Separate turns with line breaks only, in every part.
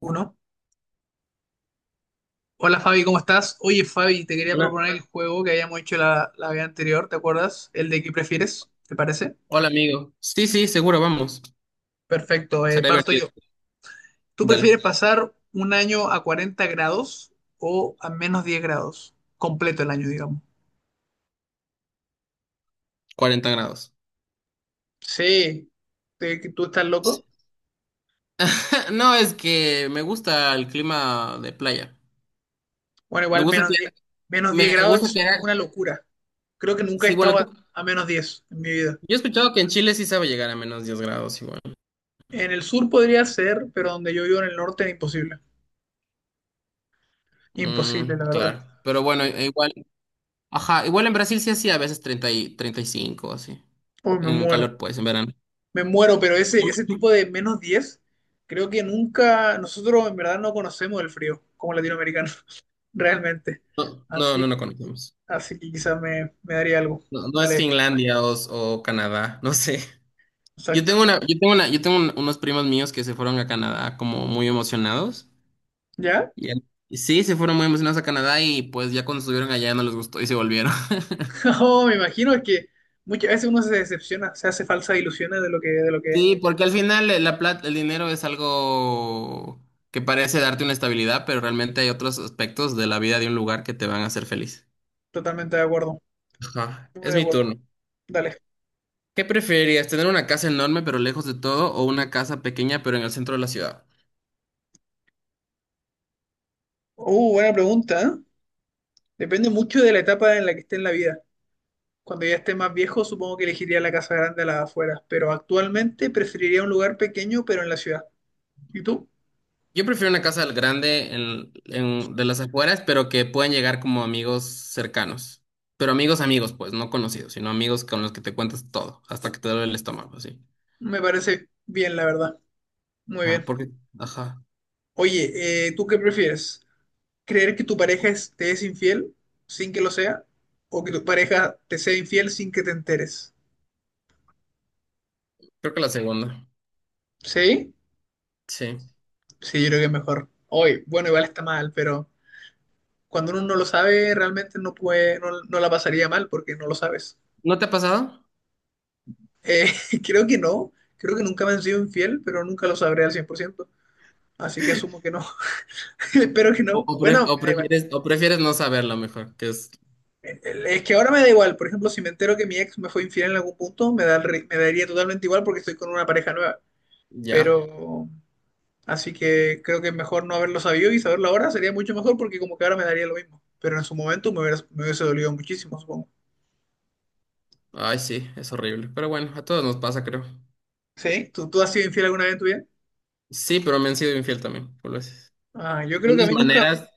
Uno. Hola Fabi, ¿cómo estás? Oye Fabi, te quería
Hola.
proponer el juego que habíamos hecho la vez anterior, ¿te acuerdas? El de qué prefieres, ¿te parece?
Hola, amigo. Sí, sí, seguro, vamos.
Perfecto,
Será
parto
divertido.
yo. ¿Tú
Dale,
prefieres pasar un año a 40 grados o a -10 grados? Completo el año, digamos.
40 grados.
Sí. ¿Te- que ¿Tú estás loco?
No, es que me gusta el clima de playa.
Bueno,
Me
igual
gusta
menos
que,
diez -10
me
grados
gusta
es
que,
una locura. Creo que nunca he
sí, bueno,
estado a,
tú,
a -10 en mi vida.
yo he escuchado que en Chile sí sabe llegar a -10 grados igual.
En el sur podría ser, pero donde yo vivo en el norte es imposible. Imposible,
Mm,
la verdad.
claro. Pero bueno, igual, ajá, igual en Brasil sí hacía a veces 30 y 35, así.
Uy, me
En
muero,
calor, pues, en verano.
me muero, pero ese tipo de -10 creo que nunca, nosotros en verdad no conocemos el frío como latinoamericanos, realmente.
No, no,
Así
no, no
que,
conocemos.
así que quizás me daría algo.
No, no es
Dale,
Finlandia o Canadá, no sé. Yo
exacto.
tengo una, yo tengo una, yo tengo un- unos primos míos que se fueron a Canadá como muy emocionados.
¿Ya?
Y al- y sí, se fueron muy emocionados a Canadá y pues ya cuando estuvieron allá no les gustó y se volvieron.
Oh, me imagino, es que muchas veces uno se decepciona, se hace falsas ilusiones de lo que es.
Sí, porque al final la plata, el dinero es algo que parece darte una estabilidad, pero realmente hay otros aspectos de la vida de un lugar que te van a hacer feliz.
Totalmente de acuerdo.
Ajá,
Muy
es
de
mi
acuerdo.
turno.
Dale.
¿Qué preferirías, tener una casa enorme pero lejos de todo o una casa pequeña pero en el centro de la ciudad?
Buena pregunta, ¿eh? Depende mucho de la etapa en la que esté en la vida. Cuando ya esté más viejo, supongo que elegiría la casa grande a las afueras, pero actualmente preferiría un lugar pequeño, pero en la ciudad. ¿Y tú?
Yo prefiero una casa grande en, de las afueras, pero que puedan llegar como amigos cercanos. Pero amigos, amigos, pues, no conocidos, sino amigos con los que te cuentas todo, hasta que te duele el estómago, así.
Me parece bien, la verdad. Muy
Ah,
bien.
porque, ajá,
Oye, ¿tú qué prefieres? ¿Creer que te es infiel sin que lo sea? ¿O que tu pareja te sea infiel sin que te enteres?
creo que la segunda.
¿Sí?
Sí.
Sí, yo creo que es mejor. Hoy, bueno, igual está mal, pero cuando uno no lo sabe, realmente no, no la pasaría mal porque no lo sabes.
¿No te ha pasado?
Eh, creo que no, creo que nunca me han sido infiel, pero nunca lo sabré al 100%, así que asumo que no, espero que
O-
no.
¿O, pre-
Bueno,
o
me da igual.
prefieres, o prefieres no saberlo mejor? Que es,
Es que ahora me da igual, por ejemplo, si me entero que mi ex me fue infiel en algún punto, me da, el ri- me daría totalmente igual porque estoy con una pareja nueva,
ya.
pero así que creo que mejor no haberlo sabido y saberlo ahora sería mucho mejor porque como que ahora me daría lo mismo, pero en su momento me hubiese dolido muchísimo, supongo.
Ay, sí, es horrible. Pero bueno, a todos nos pasa, creo.
¿Sí? ¿Tú has sido infiel alguna vez en tu vida?
Sí, pero me han sido infiel también, por veces.
Ah, yo
De
creo que a
unas
mí nunca.
maneras,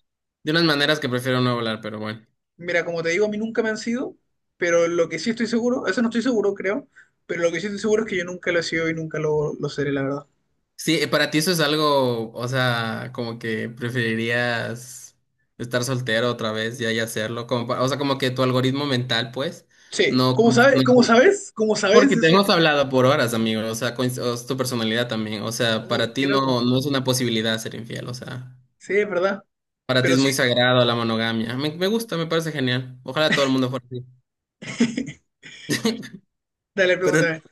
de unas maneras que prefiero no hablar, pero bueno.
Mira, como te digo, a mí nunca me han sido, pero lo que sí estoy seguro, eso no estoy seguro, creo, pero lo que sí estoy seguro es que yo nunca lo he sido y nunca lo seré, la verdad.
Sí, para ti eso es algo, o sea, como que preferirías estar soltero otra vez ya y hacerlo, o sea, como que tu algoritmo mental, pues,
Sí,
no,
¿cómo
cons- no-
sabes? ¿Cómo sabes? ¿Cómo sabes
porque te
eso?
hemos hablado por horas, amigo, o sea, o es tu personalidad también, o sea,
Oh,
para
qué
ti
loco.
no es una posibilidad ser infiel, o sea,
Sí, es verdad.
para ti es
Pero sí,
muy sagrado la monogamia, me gusta, me parece genial, ojalá todo el mundo fuera así,
dale,
pero
pregúntame.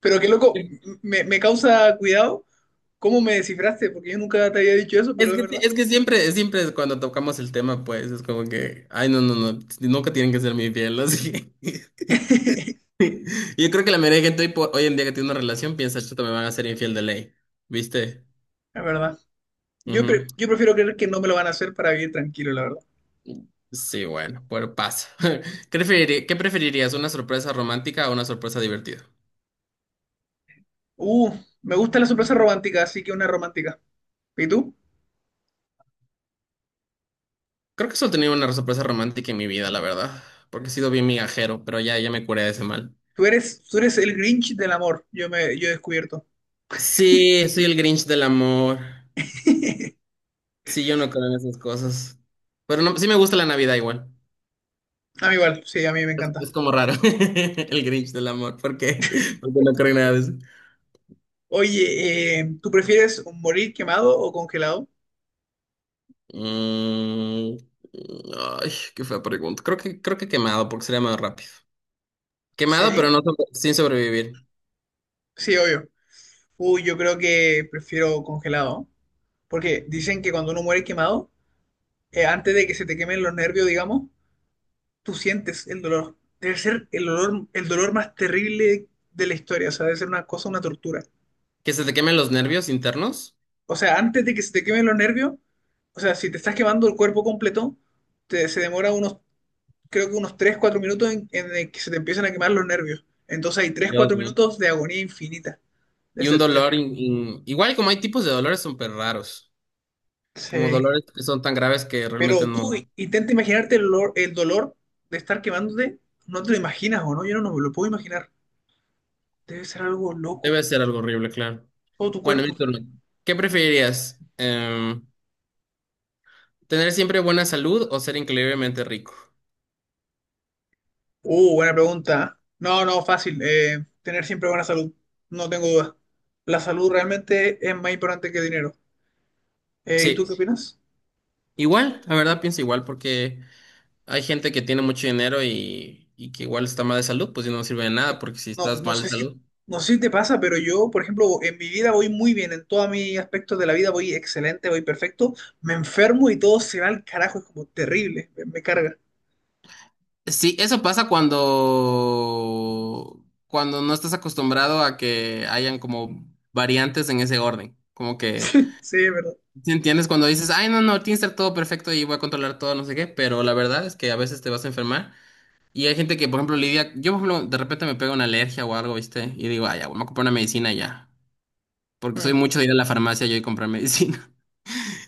Pero qué loco, me causa cuidado cómo me descifraste, porque yo nunca te había dicho eso,
es
pero es
que,
verdad.
es que siempre, cuando tocamos el tema, pues, es como que, ay, no, no, no, nunca tienen que ser mi fiel, así. Yo creo que la mayoría de gente hoy en día que tiene una relación piensa, chuta, me van a hacer infiel de ley. ¿Viste?
Es verdad.
Ujú.
Yo prefiero creer que no me lo van a hacer para vivir tranquilo, la verdad.
Sí, bueno, pero pasa. ¿Qué preferirías, una sorpresa romántica o una sorpresa divertida?
Uh, me gusta la sorpresa romántica, así que una romántica. ¿Y tú?
Creo que solo he tenido una sorpresa romántica en mi vida, la verdad. Porque he sido bien migajero, pero ya, ya me curé de ese mal.
Tú eres el Grinch del amor, yo he descubierto.
Sí, soy el Grinch del amor. Sí, yo no creo en esas cosas. Pero no, sí me gusta la Navidad igual.
A mí igual, sí, a mí me encanta.
Es como raro. El Grinch del amor. ¿Por qué? Porque no creo en nada de eso.
Oye, ¿tú prefieres morir quemado o congelado?
Mm, ay, qué fea pregunta. Creo que quemado, porque sería más rápido. Quemado, pero
Sí,
sin sobrevivir.
sí, obvio. Uy, yo creo que prefiero congelado, ¿no? Porque dicen que cuando uno muere quemado, antes de que se te quemen los nervios, digamos, tú sientes el dolor. Debe ser el dolor más terrible de la historia, o sea, debe ser una cosa, una tortura.
Que se te quemen los nervios internos.
O sea, antes de que se te quemen los nervios, o sea, si te estás quemando el cuerpo completo, se demora unos, creo que unos 3 4 minutos en el que se te empiezan a quemar los nervios. Entonces hay tres
Dios
cuatro
mío.
minutos de agonía infinita. De
Y un
ese- de-
dolor. Igual como hay tipos de dolores súper raros. Como
sí.
dolores que son tan graves que realmente
Pero tú
no.
i- intenta imaginarte el dolor de estar quemándote. No te lo imaginas, ¿o no? Yo no me lo puedo imaginar. Debe ser algo loco.
Debe ser algo horrible, claro.
Todo tu
Bueno, mi
cuerpo.
turno. ¿Qué preferirías? ¿Tener siempre buena salud o ser increíblemente rico?
Buena pregunta, ¿eh? No, no, fácil. Tener siempre buena salud. No tengo duda. La salud realmente es más importante que dinero. ¿Y tú qué
Sí.
opinas?
Igual, la verdad pienso igual, porque hay gente que tiene mucho dinero y que igual está mal de salud, pues y no sirve de nada, porque si
No,
estás
no
mal
sé
de
si,
salud...
no sé si te pasa, pero yo, por ejemplo, en mi vida voy muy bien, en todos mis aspectos de la vida voy excelente, voy perfecto, me enfermo y todo se va al carajo, es como terrible, me carga.
Sí, eso pasa cuando no estás acostumbrado a que hayan como variantes en ese orden. Como que,
Sí, sí, es verdad.
¿sí entiendes? Cuando dices, ay, no, no, tiene que estar todo perfecto y voy a controlar todo, no sé qué, pero la verdad es que a veces te vas a enfermar. Y hay gente que, por ejemplo, lidia, yo, por ejemplo, de repente me pega una alergia o algo, ¿viste? Y digo, ay, ya, voy a comprar una medicina ya. Porque soy
Mm.
mucho de ir a la farmacia yo y comprar medicina.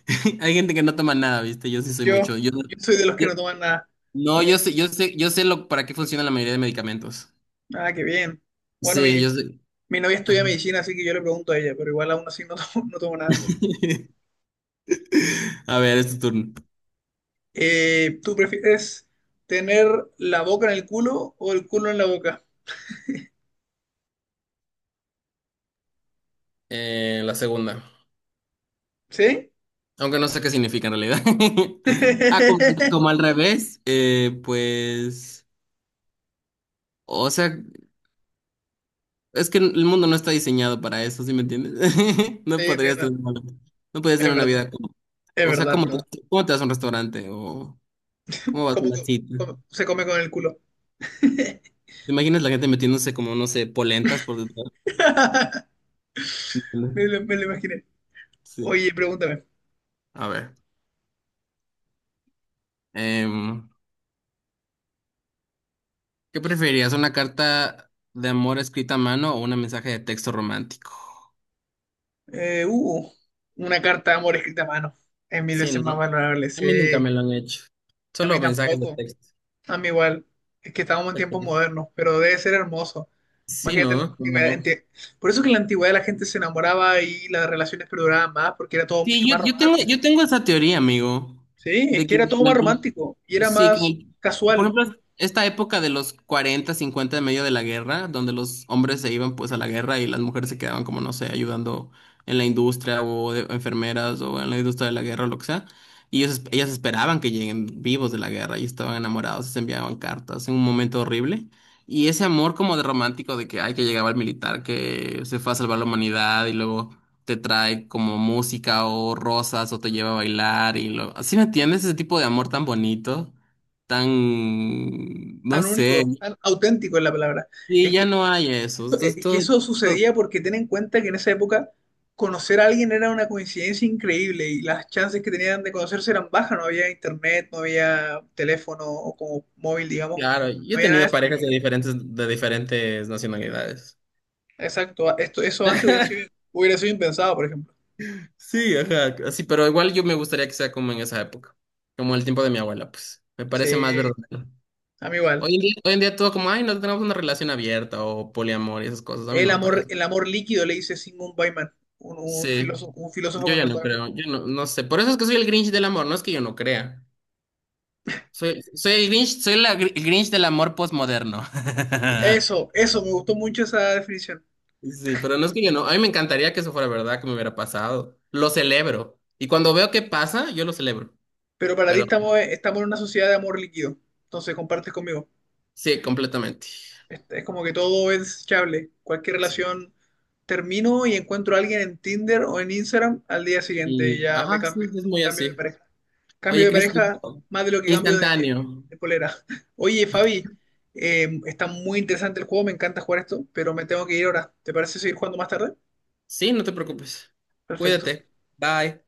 Hay gente que no toma nada, ¿viste? Yo sí soy mucho.
Yo,
Yo, no,
yo soy de los que
yo-
no toman nada. No,
no, yo sé, yo sé, yo sé lo para qué funciona la mayoría de medicamentos.
ah, qué bien. Bueno,
Sí, yo sé.
mi novia estudia
Ajá.
medicina, así que yo le pregunto a ella, pero igual aún así no tomo, no tomo nada.
A ver, es tu turno.
¿Tú prefieres tener la boca en el culo o el culo en la boca?
La segunda.
¿Sí?
Aunque no sé qué significa en realidad. Ah, como, como al revés. Pues. O sea, es que el mundo no está diseñado para eso, ¿sí me entiendes? No
Sí,
podrías
entiendo,
tener, no podrías
es
tener una
verdad.
vida como...
Es
O sea,
verdad, es
¿cómo
verdad.
te, cómo te vas a un restaurante? O ¿cómo vas a
¿Cómo, co-
una cita?
¿Cómo se come con el culo?
¿Te imaginas la gente metiéndose como, no sé, polentas por detrás?
Me lo imaginé.
Sí.
Oye, pregúntame.
A ver. em, ¿Qué preferirías? ¿Una carta de amor escrita a mano o un mensaje de texto romántico?
Eh, uh, una carta de amor escrita a mano. Es mil
Sí,
veces más
¿no?
valorable,
A
sí.
mí nunca me lo han hecho.
A mí
Solo mensajes de
tampoco.
texto.
A mí igual. Es que estamos en
Qué
tiempos
triste.
modernos, pero debe ser hermoso.
Sí,
Imagínate la
¿no?
antigüedad.
Como...
Por eso que en la antigüedad la gente se enamoraba y las relaciones perduraban más, porque era todo mucho
Sí, yo,
más
yo tengo, yo
romántico.
tengo esa teoría, amigo,
Sí, es
de
que
que
era todo
en
más
algún-
romántico y era
sí, que,
más
por
casual,
ejemplo, esta época de los 40 50 en medio de la guerra, donde los hombres se iban pues a la guerra y las mujeres se quedaban como, no sé, ayudando en la industria enfermeras o en la industria de la guerra o lo que sea. Y ellos, ellas esperaban que lleguen vivos de la guerra y estaban enamorados, se enviaban cartas en un momento horrible. Y ese amor como de romántico de que, ay, que llegaba el militar, que se fue a salvar la humanidad y luego te trae como música o rosas o te lleva a bailar ¿Sí me entiendes? Ese tipo de amor tan bonito, tan, no sé.
auténtico es la palabra.
Y
Es
ya no hay eso. Esto es
que
todo,
eso
todo-
sucedía porque ten en cuenta que en esa época conocer a alguien era una coincidencia increíble y las chances que tenían de conocerse eran bajas, no había internet, no había teléfono o como móvil, digamos, no
claro, yo he
había nada de
tenido
eso.
parejas de diferentes nacionalidades.
Exacto, esto, eso antes hubiera sido impensado, por ejemplo.
Sí, ajá, así, pero igual yo me gustaría que sea como en esa época, como el tiempo de mi abuela, pues, me parece más
Sí,
verdadero.
a mí igual.
Hoy en día, todo como, ay, no tenemos una relación abierta o poliamor y esas cosas, a mí no me parece.
El amor líquido, le dice Sigmund Bauman,
Sí,
un filósofo
yo ya no
contemporáneo.
creo, yo no, no sé, por eso es que soy el Grinch del amor, no es que yo no crea. Soy el Grinch, el Grinch del amor postmoderno.
Eso, me gustó mucho esa definición.
Sí, pero no es que yo no, a mí me encantaría que eso fuera verdad, que me hubiera pasado. Lo celebro. Y cuando veo que pasa, yo lo celebro.
Pero para ti
Pero
estamos, estamos en una sociedad de amor líquido, entonces compartes conmigo.
sí, completamente.
Es como que todo es chable. Cualquier
Sí.
relación termino y encuentro a alguien en Tinder o en Instagram al día siguiente y
Y,
ya me
ajá,
cambio.
sí, es muy
Cambio de
así.
pareja. Cambio
Oye,
de
Cristi,
pareja más de lo que cambio
instantáneo.
de polera. Oye, Fabi, está muy interesante el juego, me encanta jugar esto, pero me tengo que ir ahora. ¿Te parece seguir jugando más tarde?
Sí, no te preocupes.
Perfecto.
Cuídate. Bye.